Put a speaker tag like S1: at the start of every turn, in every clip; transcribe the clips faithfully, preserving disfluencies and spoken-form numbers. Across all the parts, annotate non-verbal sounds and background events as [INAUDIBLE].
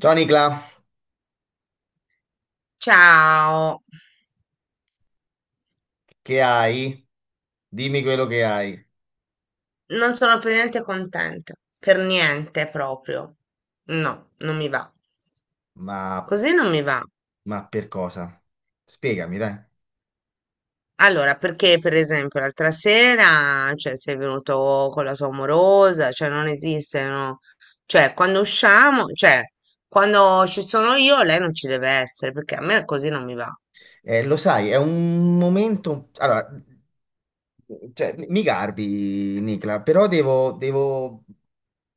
S1: Ciao Nicla,
S2: Ciao,
S1: che hai? Dimmi quello che hai.
S2: non sono per niente contenta, per niente proprio. No, non mi va.
S1: Ma,
S2: Così non mi va.
S1: ma per cosa? Spiegami, dai.
S2: Allora, perché per esempio l'altra sera, cioè, sei venuto con la tua amorosa, cioè non esiste, no? Cioè, quando usciamo, cioè, quando ci sono io, lei non ci deve essere, perché a me così non mi va. Ho
S1: Eh, lo sai, è un momento. Allora, cioè, mi garbi, Nicla, però devo... devo...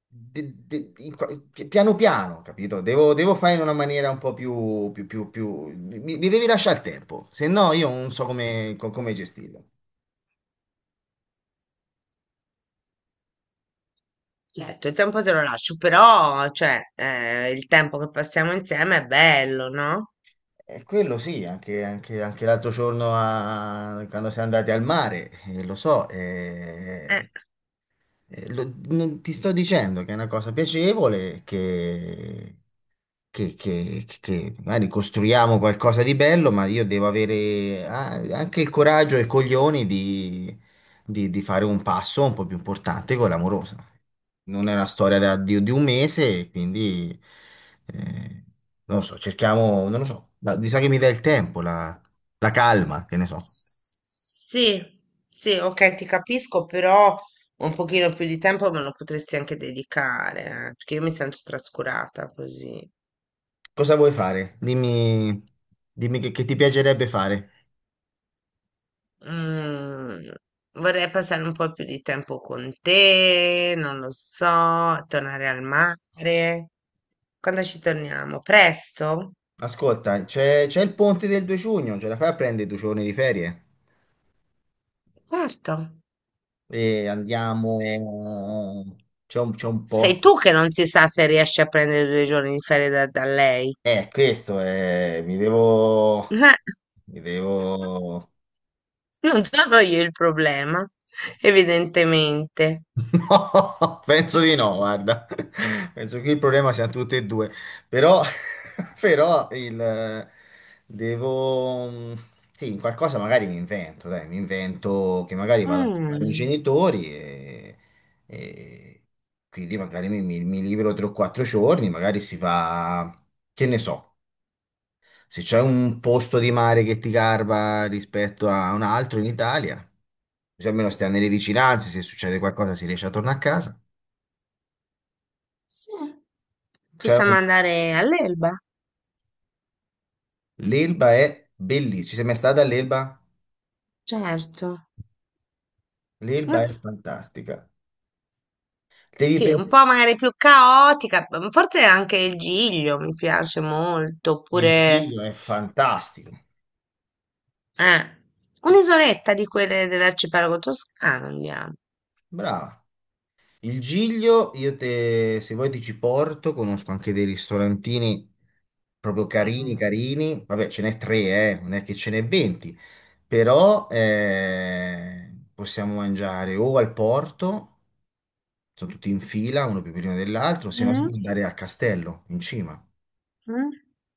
S1: de- de- in qua- pi- piano piano, capito? Devo, devo fare in una maniera un po' più... più, più, più... Mi, mi devi lasciare il tempo, se no io non so come, co- come gestirlo.
S2: detto, il tempo te lo lascio, però, cioè, eh, il tempo che passiamo insieme è bello, no?
S1: E quello sì, anche, anche- anche l'altro giorno a- quando siamo andati al mare, eh, lo so.
S2: Eh.
S1: Eh, eh, lo- non- ti sto dicendo che è una cosa piacevole, che che, che- che magari costruiamo qualcosa di bello, ma io devo avere ah, anche il coraggio e i coglioni di, di- di fare un passo un po' più importante con l'amorosa. Non è una storia da- di, di un mese, quindi eh, non lo so, cerchiamo, non lo so, ma mi sa che mi dà il tempo, la, la calma, che ne so.
S2: S- Sì, sì, ok, ti capisco, però un pochino più di tempo me lo potresti anche dedicare, eh, perché io mi sento trascurata così.
S1: Cosa vuoi fare? Dimmi, dimmi che, che ti piacerebbe fare.
S2: Mm, Vorrei passare un po' più di tempo con te, non lo so, tornare al mare. Quando ci torniamo? Presto?
S1: Ascolta, c'è c'è il ponte del due giugno, ce la fai a prendere due giorni di ferie?
S2: Certo.
S1: E andiamo, c'è un, c'è un
S2: Sei
S1: po'.
S2: tu che non si sa se riesci a prendere due giorni di ferie da, da lei.
S1: Eh, questo è, mi devo,
S2: [LAUGHS]
S1: mi devo,
S2: Eh, non sono io il problema, evidentemente.
S1: [LAUGHS] no, penso di no, guarda, penso che il problema siano tutti e due, però, [LAUGHS] però il, devo, sì, in qualcosa magari mi invento, dai, mi invento che magari vado dai miei
S2: Mm,
S1: genitori e, e quindi magari mi, mi mi libero tre o quattro giorni, magari si fa, che ne so. Se c'è un posto di mare che ti garba rispetto a un altro in Italia, così almeno stiamo nelle vicinanze, se succede qualcosa si riesce a tornare a casa.
S2: sì,
S1: C'è
S2: possiamo
S1: un-
S2: andare all'Elba,
S1: L'Elba è bellissima. Ci sei mai stata all'Elba?
S2: certo.
S1: L'Elba
S2: Eh,
S1: è fantastica. Devi
S2: sì, un
S1: pensare,
S2: po' magari più caotica, m- forse anche il Giglio mi piace molto,
S1: il
S2: oppure
S1: Giglio è fantastico.
S2: eh,
S1: Ci-
S2: un'isoletta di quelle dell'arcipelago toscano andiamo.
S1: Brava. Il Giglio, io te, se vuoi ti ci porto, conosco anche dei ristorantini proprio carini,
S2: Mm.
S1: carini. Vabbè, ce n'è tre. eh, Non è che ce n'è venti. Però eh, possiamo mangiare o al porto, sono tutti in fila, uno più prima dell'altro, se no si può
S2: Mm,
S1: andare al castello, in cima.
S2: mm.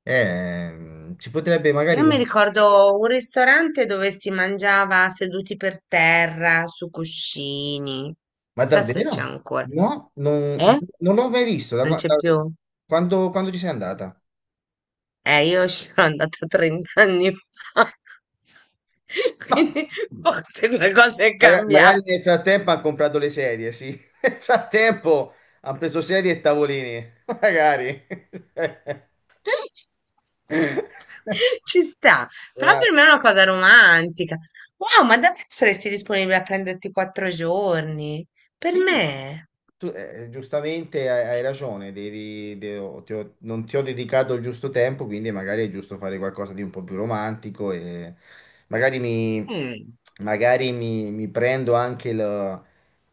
S1: Eh, si potrebbe magari
S2: Io mi
S1: guardare.
S2: ricordo un ristorante dove si mangiava seduti per terra su cuscini,
S1: Ma
S2: chissà se c'è
S1: davvero?
S2: ancora.
S1: No, non,
S2: Eh?
S1: non l'ho mai visto. Da,
S2: Non
S1: qua-
S2: c'è
S1: da-
S2: più?
S1: quando, Quando ci sei andata?
S2: Eh, io ci sono andata trenta anni fa, [LAUGHS] quindi
S1: [LAUGHS]
S2: forse qualcosa è
S1: Maga- Magari
S2: cambiato.
S1: nel frattempo hanno comprato le sedie, sì. [LAUGHS] Nel frattempo hanno preso sedie e tavolini, [LAUGHS] magari. [LAUGHS]
S2: [LAUGHS] Ci sta, però
S1: Una-
S2: per me è una cosa romantica. Wow, ma davvero saresti disponibile a prenderti quattro giorni? Per
S1: Sì,
S2: me?
S1: tu, eh, giustamente hai, hai ragione, devi, de- ho- ti ho- non ti ho dedicato il giusto tempo, quindi magari è giusto fare qualcosa di un po' più romantico e magari mi,
S2: Mm.
S1: magari mi, mi prendo anche il,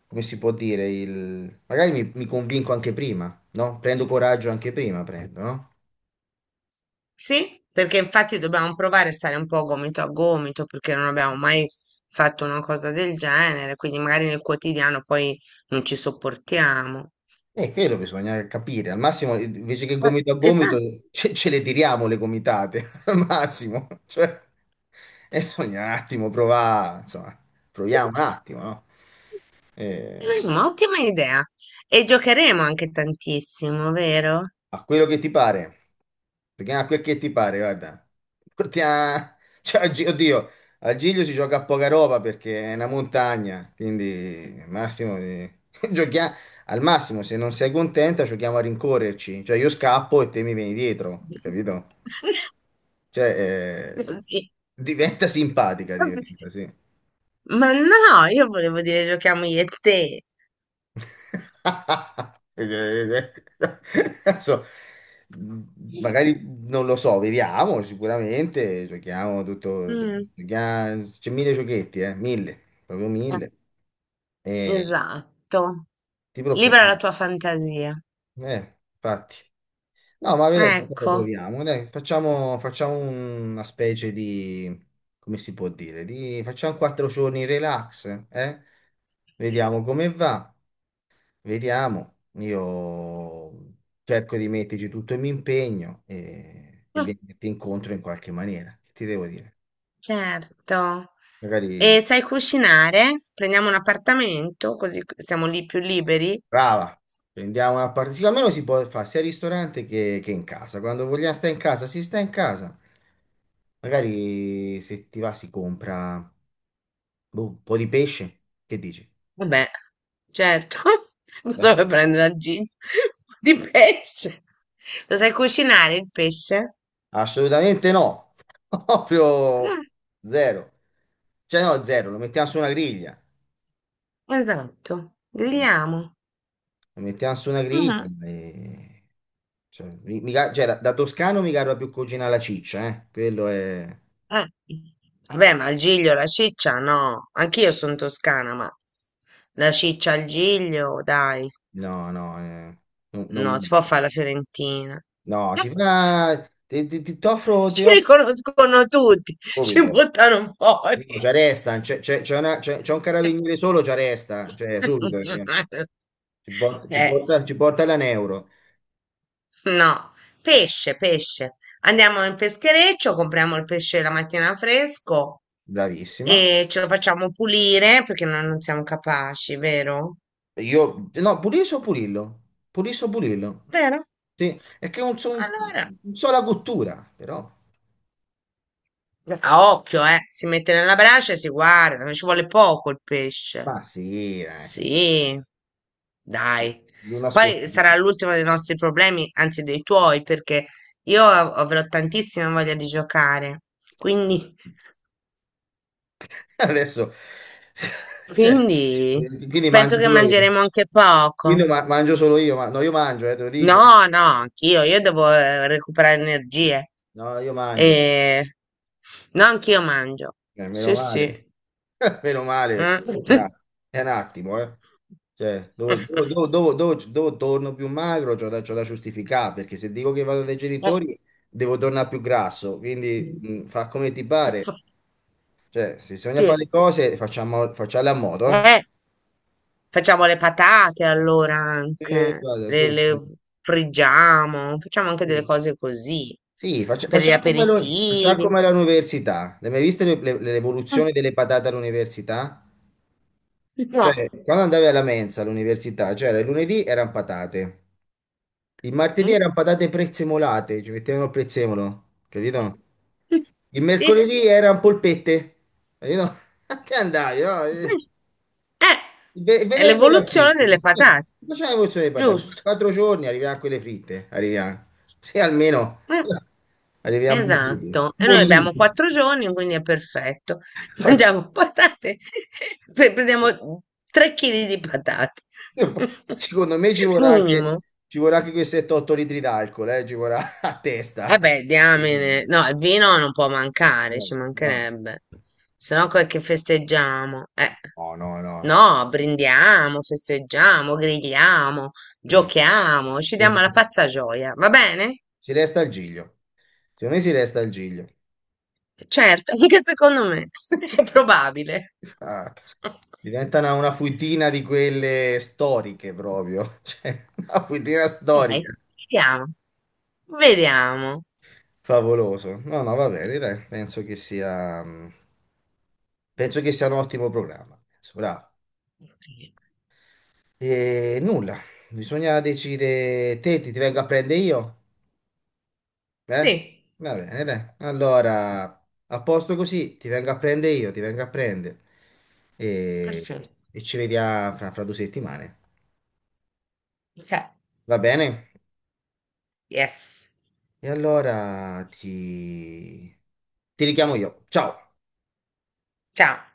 S1: come si può dire, il, magari mi, mi convinco anche prima, no? Prendo coraggio anche prima, prendo, no?
S2: Sì, perché infatti dobbiamo provare a stare un po' gomito a gomito, perché non abbiamo mai fatto una cosa del genere, quindi magari nel quotidiano poi non ci sopportiamo.
S1: E quello bisogna capire, al massimo invece che
S2: Eh,
S1: gomito a gomito
S2: Esatto.
S1: ce, ce le tiriamo le gomitate, [LAUGHS] al massimo, cioè, e bisogna un attimo provare, insomma, proviamo un attimo, no? Eh,
S2: Mm, ottima idea. E giocheremo anche tantissimo, vero?
S1: A quello che ti pare, perché a quel che ti pare, guarda. Portia- [LAUGHS] cioè, oggi- oddio, al Giglio si gioca a poca roba perché è una montagna, quindi massimo di- [LAUGHS] giochia- al massimo se non sei contenta giochiamo a rincorrerci, cioè io scappo e te mi vieni dietro, capito?
S2: [LAUGHS]
S1: Cioè, eh,
S2: Così.
S1: diventa simpatica, diventa, sì.
S2: Ma no, io volevo dire giochiamo io e te.
S1: [LAUGHS] Eh, eh, [LAUGHS] Adesso, magari non lo so, vediamo sicuramente, giochiamo tutto,
S2: Mm,
S1: giochiamo- c'è mille giochetti, eh, mille, proprio
S2: eh,
S1: mille, e
S2: esatto.
S1: ti
S2: Libera la
S1: preoccupare,
S2: tua fantasia.
S1: eh, infatti. No, ma vedrai qualcosa
S2: Ecco.
S1: troviamo, dai, facciamo, facciamo una specie di, come si può dire, di, facciamo quattro giorni relax, eh? Vediamo come va. Vediamo, io cerco di metterci tutto il mio impegno e, e
S2: Ah,
S1: venirti incontro in qualche maniera. Che ti devo dire?
S2: certo.
S1: Magari,
S2: E sai cucinare? Prendiamo un appartamento così siamo lì più liberi.
S1: brava, prendiamo una parte. Sì, almeno si può fare sia al ristorante che, che in casa. Quando vogliamo stare in casa, si sta in casa. Magari se ti va si compra boh, un po' di pesce. Che dici?
S2: Vabbè, certo, [LAUGHS] cosa
S1: Beh,
S2: vuoi prendere al gin? [LAUGHS] Di pesce. Lo sai cucinare il pesce?
S1: assolutamente no. [LAUGHS] Proprio zero. Cioè no, zero, lo mettiamo su una griglia.
S2: Esatto, grigliamo.
S1: La mettiamo su una griglia
S2: Mhm.
S1: e- cioè, mi- mi ca- cioè, da, da toscano mi garba più cucina alla ciccia, eh. Quello è...
S2: Eh, vabbè, ma il giglio, la ciccia, no. Anch'io sono toscana, ma la ciccia al giglio, dai.
S1: No, no. eh, non,
S2: No,
S1: non-
S2: si può fare la fiorentina.
S1: no, si
S2: [LAUGHS]
S1: fa... Ti, ti, ti t'offro... Ti
S2: Ci
S1: offro
S2: riconoscono tutti, ci
S1: subito.
S2: buttano fuori.
S1: No, ci arresta, c'è c'è- c'è una- c'è- c'è un carabiniere solo, ci
S2: [LAUGHS]
S1: arresta, cioè subito, eh. Ci porta, ci
S2: Eh.
S1: porta, ci porta la Neuro.
S2: No, pesce, pesce. Andiamo in peschereccio, compriamo il pesce la mattina fresco
S1: Bravissima.
S2: e ce lo facciamo pulire perché noi non siamo capaci, vero?
S1: Io... No, Puliso o Purillo? Puliso o Purillo?
S2: Vero?
S1: Sì, è che è un, so- un-
S2: Allora,
S1: un sola cottura, però.
S2: a occhio, eh, si mette nella brace e si guarda, ma ci vuole poco il pesce.
S1: Ma sì, eh,
S2: Sì, dai.
S1: non nascosto.
S2: Poi sarà l'ultimo dei nostri problemi, anzi dei tuoi, perché io av- avrò tantissima voglia di giocare. Quindi
S1: Adesso, [LAUGHS] cioè,
S2: Quindi
S1: quindi
S2: penso
S1: mangio
S2: che
S1: solo io.
S2: mangeremo anche
S1: Quindi
S2: poco.
S1: ma- mangio solo io, ma no, io mangio, eh, te lo dico.
S2: No, no, anch'io, io devo eh, recuperare energie.
S1: No, io mangio.
S2: E... No, anch'io mangio.
S1: Eh, meno
S2: Sì,
S1: male.
S2: sì.
S1: [LAUGHS] Meno male,
S2: Eh.
S1: perché è un att- è un attimo, eh. Cioè, dove, dove-
S2: [LAUGHS]
S1: dove- dove- dove- dove torno più magro, c'ho da, c'ho da giustificare, perché se dico che vado dai genitori, devo tornare più grasso, quindi mh, fa come ti pare. Cioè, se bisogna fare
S2: Sì.
S1: le cose, facciamo, facciamole a modo, eh.
S2: Eh, facciamo le patate allora
S1: Eh,
S2: anche,
S1: guarda,
S2: le,
S1: tu-
S2: le friggiamo, facciamo anche delle
S1: sì,
S2: cose così
S1: sì, faccia-
S2: per gli
S1: facciamo come, lo- facciamo
S2: aperitivi.
S1: come all'università. L'hai mai vista le- le-
S2: Mm,
S1: l'evoluzione delle patate all'università?
S2: no.
S1: Cioè, quando andavi alla mensa all'università, c'era il lunedì erano patate, il martedì
S2: Mm?
S1: erano patate prezzemolate, ci mettevano il prezzemolo, capito? Il
S2: [LAUGHS] Sì.
S1: mercoledì erano polpette, capito? [LAUGHS] A che andavi, no?
S2: Eh,
S1: Il ve- il
S2: è
S1: venerdì era
S2: l'evoluzione
S1: fritto.
S2: delle
S1: Quindi,
S2: patate,
S1: facciamo la porzione di patate.
S2: giusto?
S1: Quattro giorni arriviamo a quelle fritte. Arriviamo. Se almeno
S2: Eh,
S1: [LAUGHS] arriviamo bolliti.
S2: esatto. E noi abbiamo
S1: Bolliti.
S2: quattro giorni, quindi è perfetto. [LAUGHS]
S1: Facci-
S2: Mangiamo patate, [LAUGHS] pre- prendiamo tre chili di patate.
S1: Io- Secondo me ci
S2: [LAUGHS]
S1: vorrà anche,
S2: Minimo.
S1: ci vorrà anche quei sette o otto litri d'alcol, eh, ci vorrà [LAUGHS] a testa.
S2: Vabbè, diamine. No, il vino non può mancare,
S1: No,
S2: ci
S1: no.
S2: mancherebbe. Se no, che festeggiamo? Eh.
S1: No, no, no.
S2: No, brindiamo, festeggiamo, grigliamo,
S1: Si
S2: giochiamo, ci diamo la pazza gioia, va bene?
S1: si resta al Giglio. Secondo me si resta al Giglio.
S2: Certo, [LAUGHS] anche secondo me [LAUGHS] è
S1: [LAUGHS]
S2: probabile.
S1: Ah, diventa una, una fuitina di quelle storiche proprio, [LAUGHS] cioè una fuitina
S2: Ok,
S1: storica.
S2: stiamo, vediamo.
S1: Favoloso. No, no, va bene, dai, penso che sia, mm, penso che sia un ottimo programma. Penso, bravo. E nulla, bisogna decidere, te ti, ti vengo a prendere io? Eh?
S2: Sì,
S1: Va bene, dai. Allora, a posto così, ti vengo a prendere io, ti vengo a prendere. E,
S2: perfetto.
S1: e ci vediamo fra fra due settimane.
S2: Ok,
S1: Va bene?
S2: yes,
S1: E allora ti... ti richiamo io. Ciao!
S2: ciao.